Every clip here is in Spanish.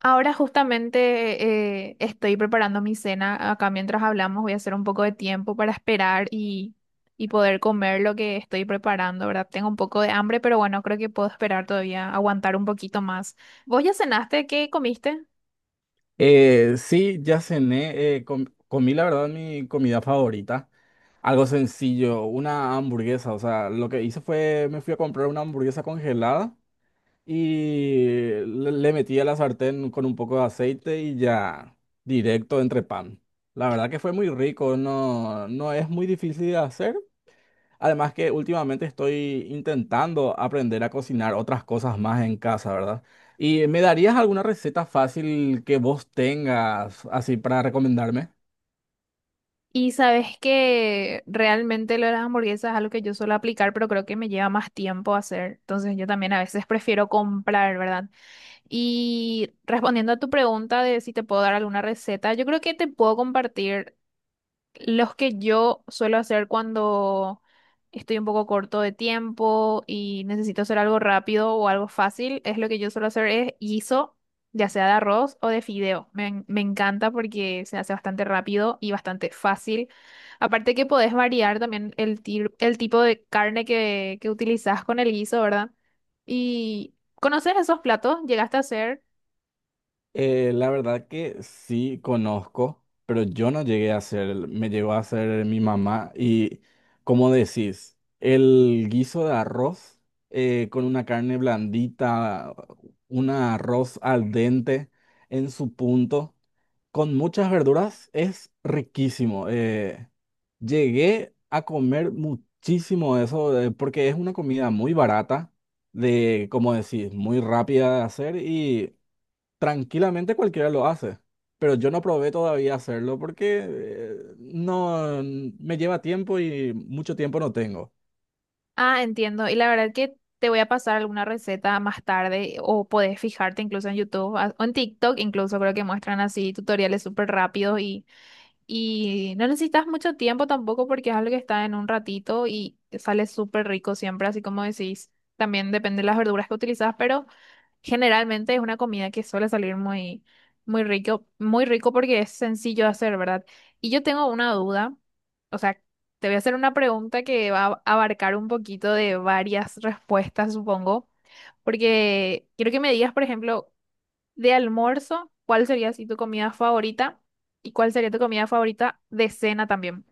Ahora justamente estoy preparando mi cena. Acá mientras hablamos voy a hacer un poco de tiempo para esperar y poder comer lo que estoy preparando, ¿verdad? Tengo un poco de hambre, pero bueno, creo que puedo esperar todavía, aguantar un poquito más. ¿Vos ya cenaste? ¿Qué comiste? Sí, ya cené, comí la verdad mi comida favorita. Algo sencillo, una hamburguesa. O sea, lo que hice fue, me fui a comprar una hamburguesa congelada y le metí a la sartén con un poco de aceite y ya directo entre pan. La verdad que fue muy rico, no, no es muy difícil de hacer. Además que últimamente estoy intentando aprender a cocinar otras cosas más en casa, ¿verdad? ¿Y me darías alguna receta fácil que vos tengas así para recomendarme? Y sabes que realmente lo de las hamburguesas es algo que yo suelo aplicar, pero creo que me lleva más tiempo hacer. Entonces yo también a veces prefiero comprar, ¿verdad? Y respondiendo a tu pregunta de si te puedo dar alguna receta, yo creo que te puedo compartir. Los que yo suelo hacer cuando estoy un poco corto de tiempo y necesito hacer algo rápido o algo fácil, es lo que yo suelo hacer es guiso, ya sea de arroz o de fideo. Me encanta porque se hace bastante rápido y bastante fácil. Aparte que podés variar también el tipo de carne que utilizás con el guiso, ¿verdad? Y conocer esos platos, llegaste a hacer... La verdad que sí conozco, pero yo no llegué a hacer, me llegó a hacer mi mamá y, como decís, el guiso de arroz con una carne blandita, un arroz al dente en su punto, con muchas verduras es riquísimo. Llegué a comer muchísimo eso, porque es una comida muy barata, de, como decís, muy rápida de hacer y tranquilamente cualquiera lo hace. Pero yo no probé todavía hacerlo porque no n- me lleva tiempo y mucho tiempo no tengo. Ah, entiendo. Y la verdad que te voy a pasar alguna receta más tarde o podés fijarte incluso en YouTube o en TikTok, incluso creo que muestran así tutoriales súper rápidos y no necesitas mucho tiempo tampoco porque es algo que está en un ratito y te sale súper rico siempre, así como decís. También depende de las verduras que utilizas, pero generalmente es una comida que suele salir muy, muy rico porque es sencillo de hacer, ¿verdad? Y yo tengo una duda, o sea, te voy a hacer una pregunta que va a abarcar un poquito de varias respuestas, supongo, porque quiero que me digas, por ejemplo, de almuerzo, ¿cuál sería así tu comida favorita? ¿Y cuál sería tu comida favorita de cena también?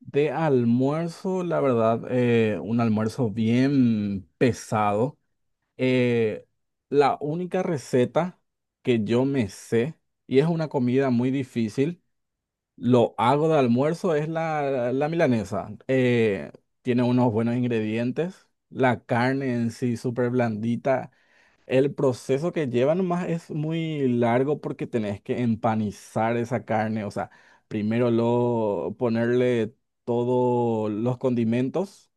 De almuerzo, la verdad, un almuerzo bien pesado. Eh, la única receta que yo me sé, y es una comida muy difícil, lo hago de almuerzo, es la milanesa. Tiene unos buenos ingredientes, la carne en sí súper blandita. El proceso que lleva nomás es muy largo porque tenés que empanizar esa carne, o sea, primero lo, ponerle todos los condimentos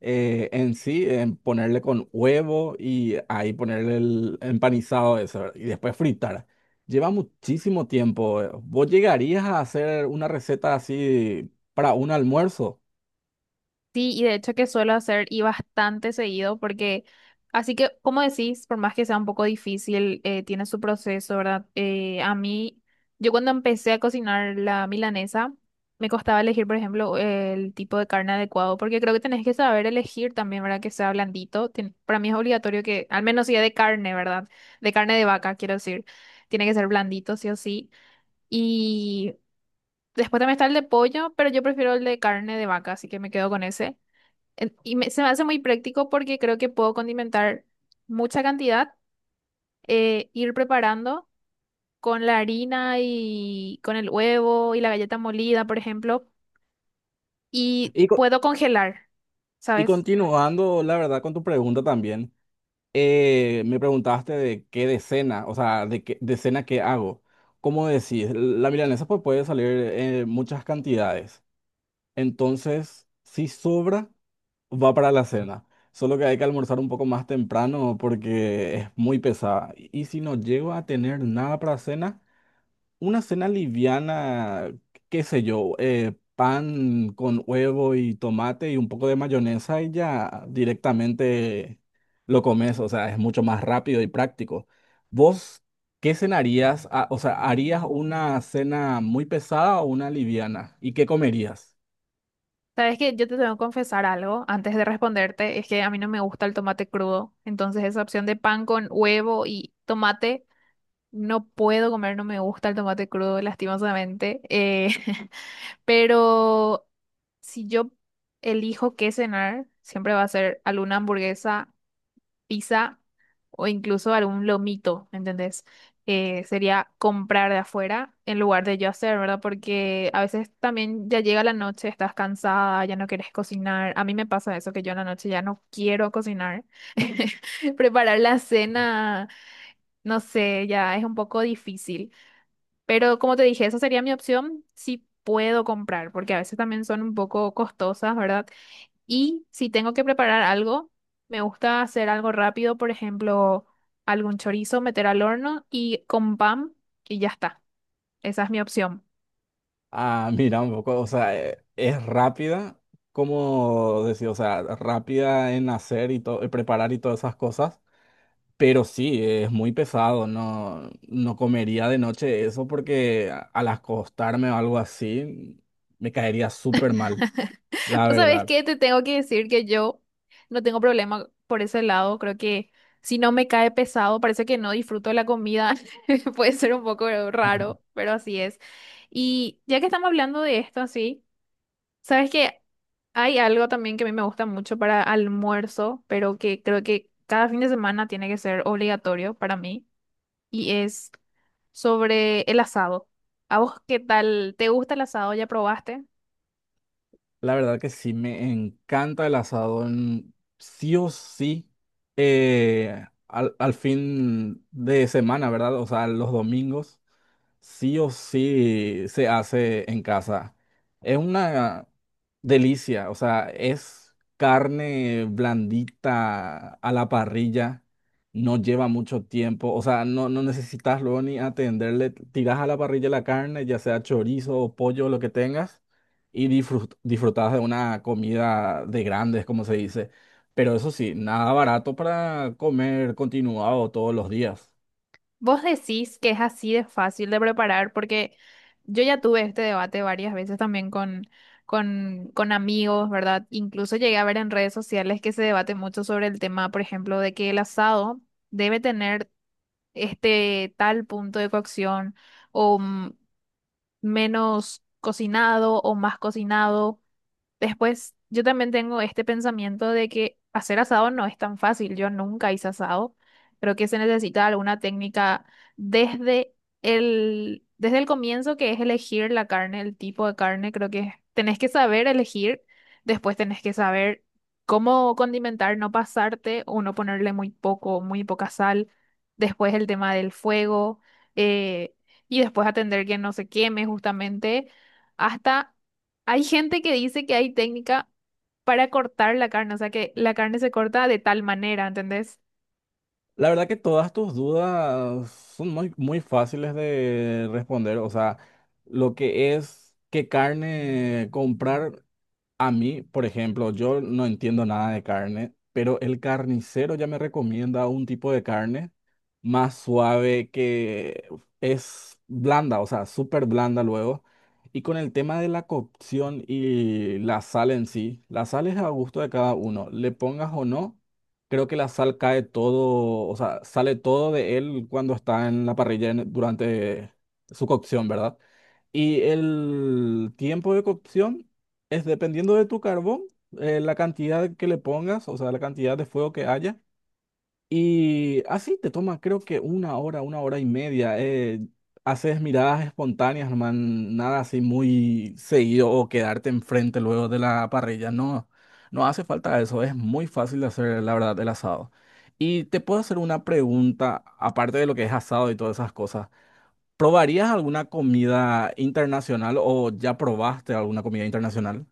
en sí, en ponerle con huevo y ahí ponerle el empanizado eso y después fritar. Lleva muchísimo tiempo. ¿Vos llegarías a hacer una receta así para un almuerzo? Sí, y de hecho que suelo hacer y bastante seguido porque, así que, como decís, por más que sea un poco difícil, tiene su proceso, ¿verdad? A mí, yo cuando empecé a cocinar la milanesa, me costaba elegir, por ejemplo, el tipo de carne adecuado, porque creo que tenés que saber elegir también, ¿verdad? Que sea blandito. Para mí es obligatorio que, al menos sea de carne, ¿verdad? De carne de vaca, quiero decir. Tiene que ser blandito, sí o sí. Y después también está el de pollo, pero yo prefiero el de carne de vaca, así que me quedo con ese. Se me hace muy práctico porque creo que puedo condimentar mucha cantidad, ir preparando con la harina y con el huevo y la galleta molida, por ejemplo, y Y, co- puedo congelar, y ¿sabes? continuando, la verdad, con tu pregunta también, me preguntaste de qué de cena, o sea, de qué de cena qué hago. Como decís, la milanesa pues puede salir en muchas cantidades. Entonces, si sobra, va para la cena. Solo que hay que almorzar un poco más temprano porque es muy pesada. Y si no llego a tener nada para cena, una cena liviana, qué sé yo, pan con huevo y tomate y un poco de mayonesa y ya directamente lo comes. O sea, es mucho más rápido y práctico. ¿Vos qué cenarías? Ah, o sea, ¿harías una cena muy pesada o una liviana? ¿Y qué comerías? Sabes que yo te tengo que confesar algo antes de responderte, es que a mí no me gusta el tomate crudo, entonces esa opción de pan con huevo y tomate, no puedo comer, no me gusta el tomate crudo, lastimosamente. Pero si yo elijo qué cenar, siempre va a ser alguna hamburguesa, pizza o incluso algún lomito, ¿entendés? Sería comprar de afuera en lugar de yo hacer, ¿verdad? Porque a veces también ya llega la noche, estás cansada, ya no quieres cocinar. A mí me pasa eso, que yo en la noche ya no quiero cocinar. Preparar la cena, no sé, ya es un poco difícil. Pero como te dije, esa sería mi opción si puedo comprar, porque a veces también son un poco costosas, ¿verdad? Y si tengo que preparar algo, me gusta hacer algo rápido, por ejemplo, algún chorizo, meter al horno y con pan y ya está. Esa es mi opción. Ah, mira, un poco, o sea, es rápida, como decir, o sea, rápida en hacer y todo, preparar y todas esas cosas, pero sí, es muy pesado, no no comería de noche eso porque al acostarme o algo así, me caería súper mal, la Pues, ¿sabes verdad. qué? Te tengo que decir que yo no tengo problema por ese lado. Creo que si no me cae pesado, parece que no disfruto la comida. Puede ser un poco raro, pero así es. Y ya que estamos hablando de esto así. Sabes que hay algo también que a mí me gusta mucho para almuerzo, pero que creo que cada fin de semana tiene que ser obligatorio para mí, y es sobre el asado. ¿A vos qué tal? ¿Te gusta el asado? ¿Ya probaste? La verdad que sí, me encanta el asado. Sí o sí, al fin de semana, ¿verdad? O sea, los domingos, sí o sí se hace en casa. Es una delicia, o sea, es carne blandita a la parrilla, no lleva mucho tiempo, o sea, no, no necesitas luego ni atenderle, tiras a la parrilla la carne, ya sea chorizo o pollo, lo que tengas y disfrutabas de una comida de grandes, como se dice. Pero eso sí, nada barato para comer continuado todos los días. Vos decís que es así de fácil de preparar, porque yo ya tuve este debate varias veces también con amigos, ¿verdad? Incluso llegué a ver en redes sociales que se debate mucho sobre el tema, por ejemplo, de que el asado debe tener este tal punto de cocción o mm, menos cocinado o más cocinado. Después, yo también tengo este pensamiento de que hacer asado no es tan fácil. Yo nunca hice asado. Creo que se necesita alguna técnica desde desde el comienzo, que es elegir la carne, el tipo de carne. Creo que tenés que saber elegir. Después tenés que saber cómo condimentar, no pasarte o no ponerle muy poco, muy poca sal. Después el tema del fuego. eh, y después atender que no se queme justamente hasta hay gente que dice que hay técnica para cortar la carne, o sea que la carne se corta de tal manera, ¿entendés? La verdad que todas tus dudas son muy, muy fáciles de responder. O sea, lo que es qué carne comprar, a mí, por ejemplo, yo no entiendo nada de carne, pero el carnicero ya me recomienda un tipo de carne más suave que es blanda, o sea, súper blanda luego. Y con el tema de la cocción y la sal en sí, la sal es a gusto de cada uno, le pongas o no, creo que la sal cae todo, o sea, sale todo de él cuando está en la parrilla durante su cocción, ¿verdad? Y el tiempo de cocción. Es dependiendo de tu carbón, la cantidad que le pongas, o sea, la cantidad de fuego que haya. Y así te toma, creo que una hora y media. Haces miradas espontáneas, no man, nada así muy seguido o quedarte enfrente luego de la parrilla. No, no hace falta eso. Es muy fácil de hacer, la verdad, el asado. Y te puedo hacer una pregunta, aparte de lo que es asado y todas esas cosas. ¿Probarías alguna comida internacional o ya probaste alguna comida internacional?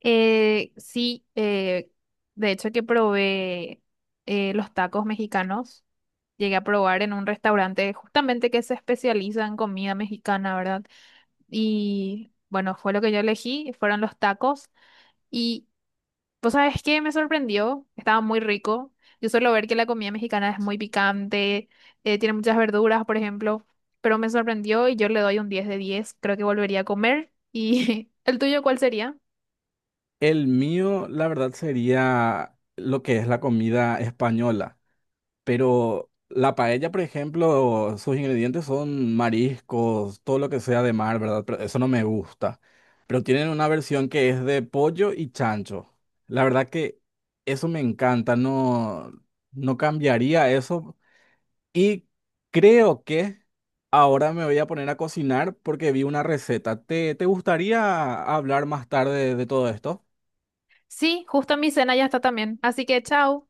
Sí, de hecho que probé los tacos mexicanos, llegué a probar en un restaurante justamente que se especializa en comida mexicana, ¿verdad? Y bueno, fue lo que yo elegí fueron los tacos. Y pues sabes que me sorprendió, estaba muy rico. Yo suelo ver que la comida mexicana es muy picante, tiene muchas verduras, por ejemplo, pero me sorprendió y yo le doy un 10 de 10. Creo que volvería a comer. ¿Y el tuyo cuál sería? El mío, la verdad, sería lo que es la comida española. Pero la paella, por ejemplo, sus ingredientes son mariscos, todo lo que sea de mar, ¿verdad? Pero eso no me gusta. Pero tienen una versión que es de pollo y chancho. La verdad que eso me encanta, no no cambiaría eso. Y creo que ahora me voy a poner a cocinar porque vi una receta. ¿Te gustaría hablar más tarde de todo esto? Sí, justo mi cena ya está también. Así que chao.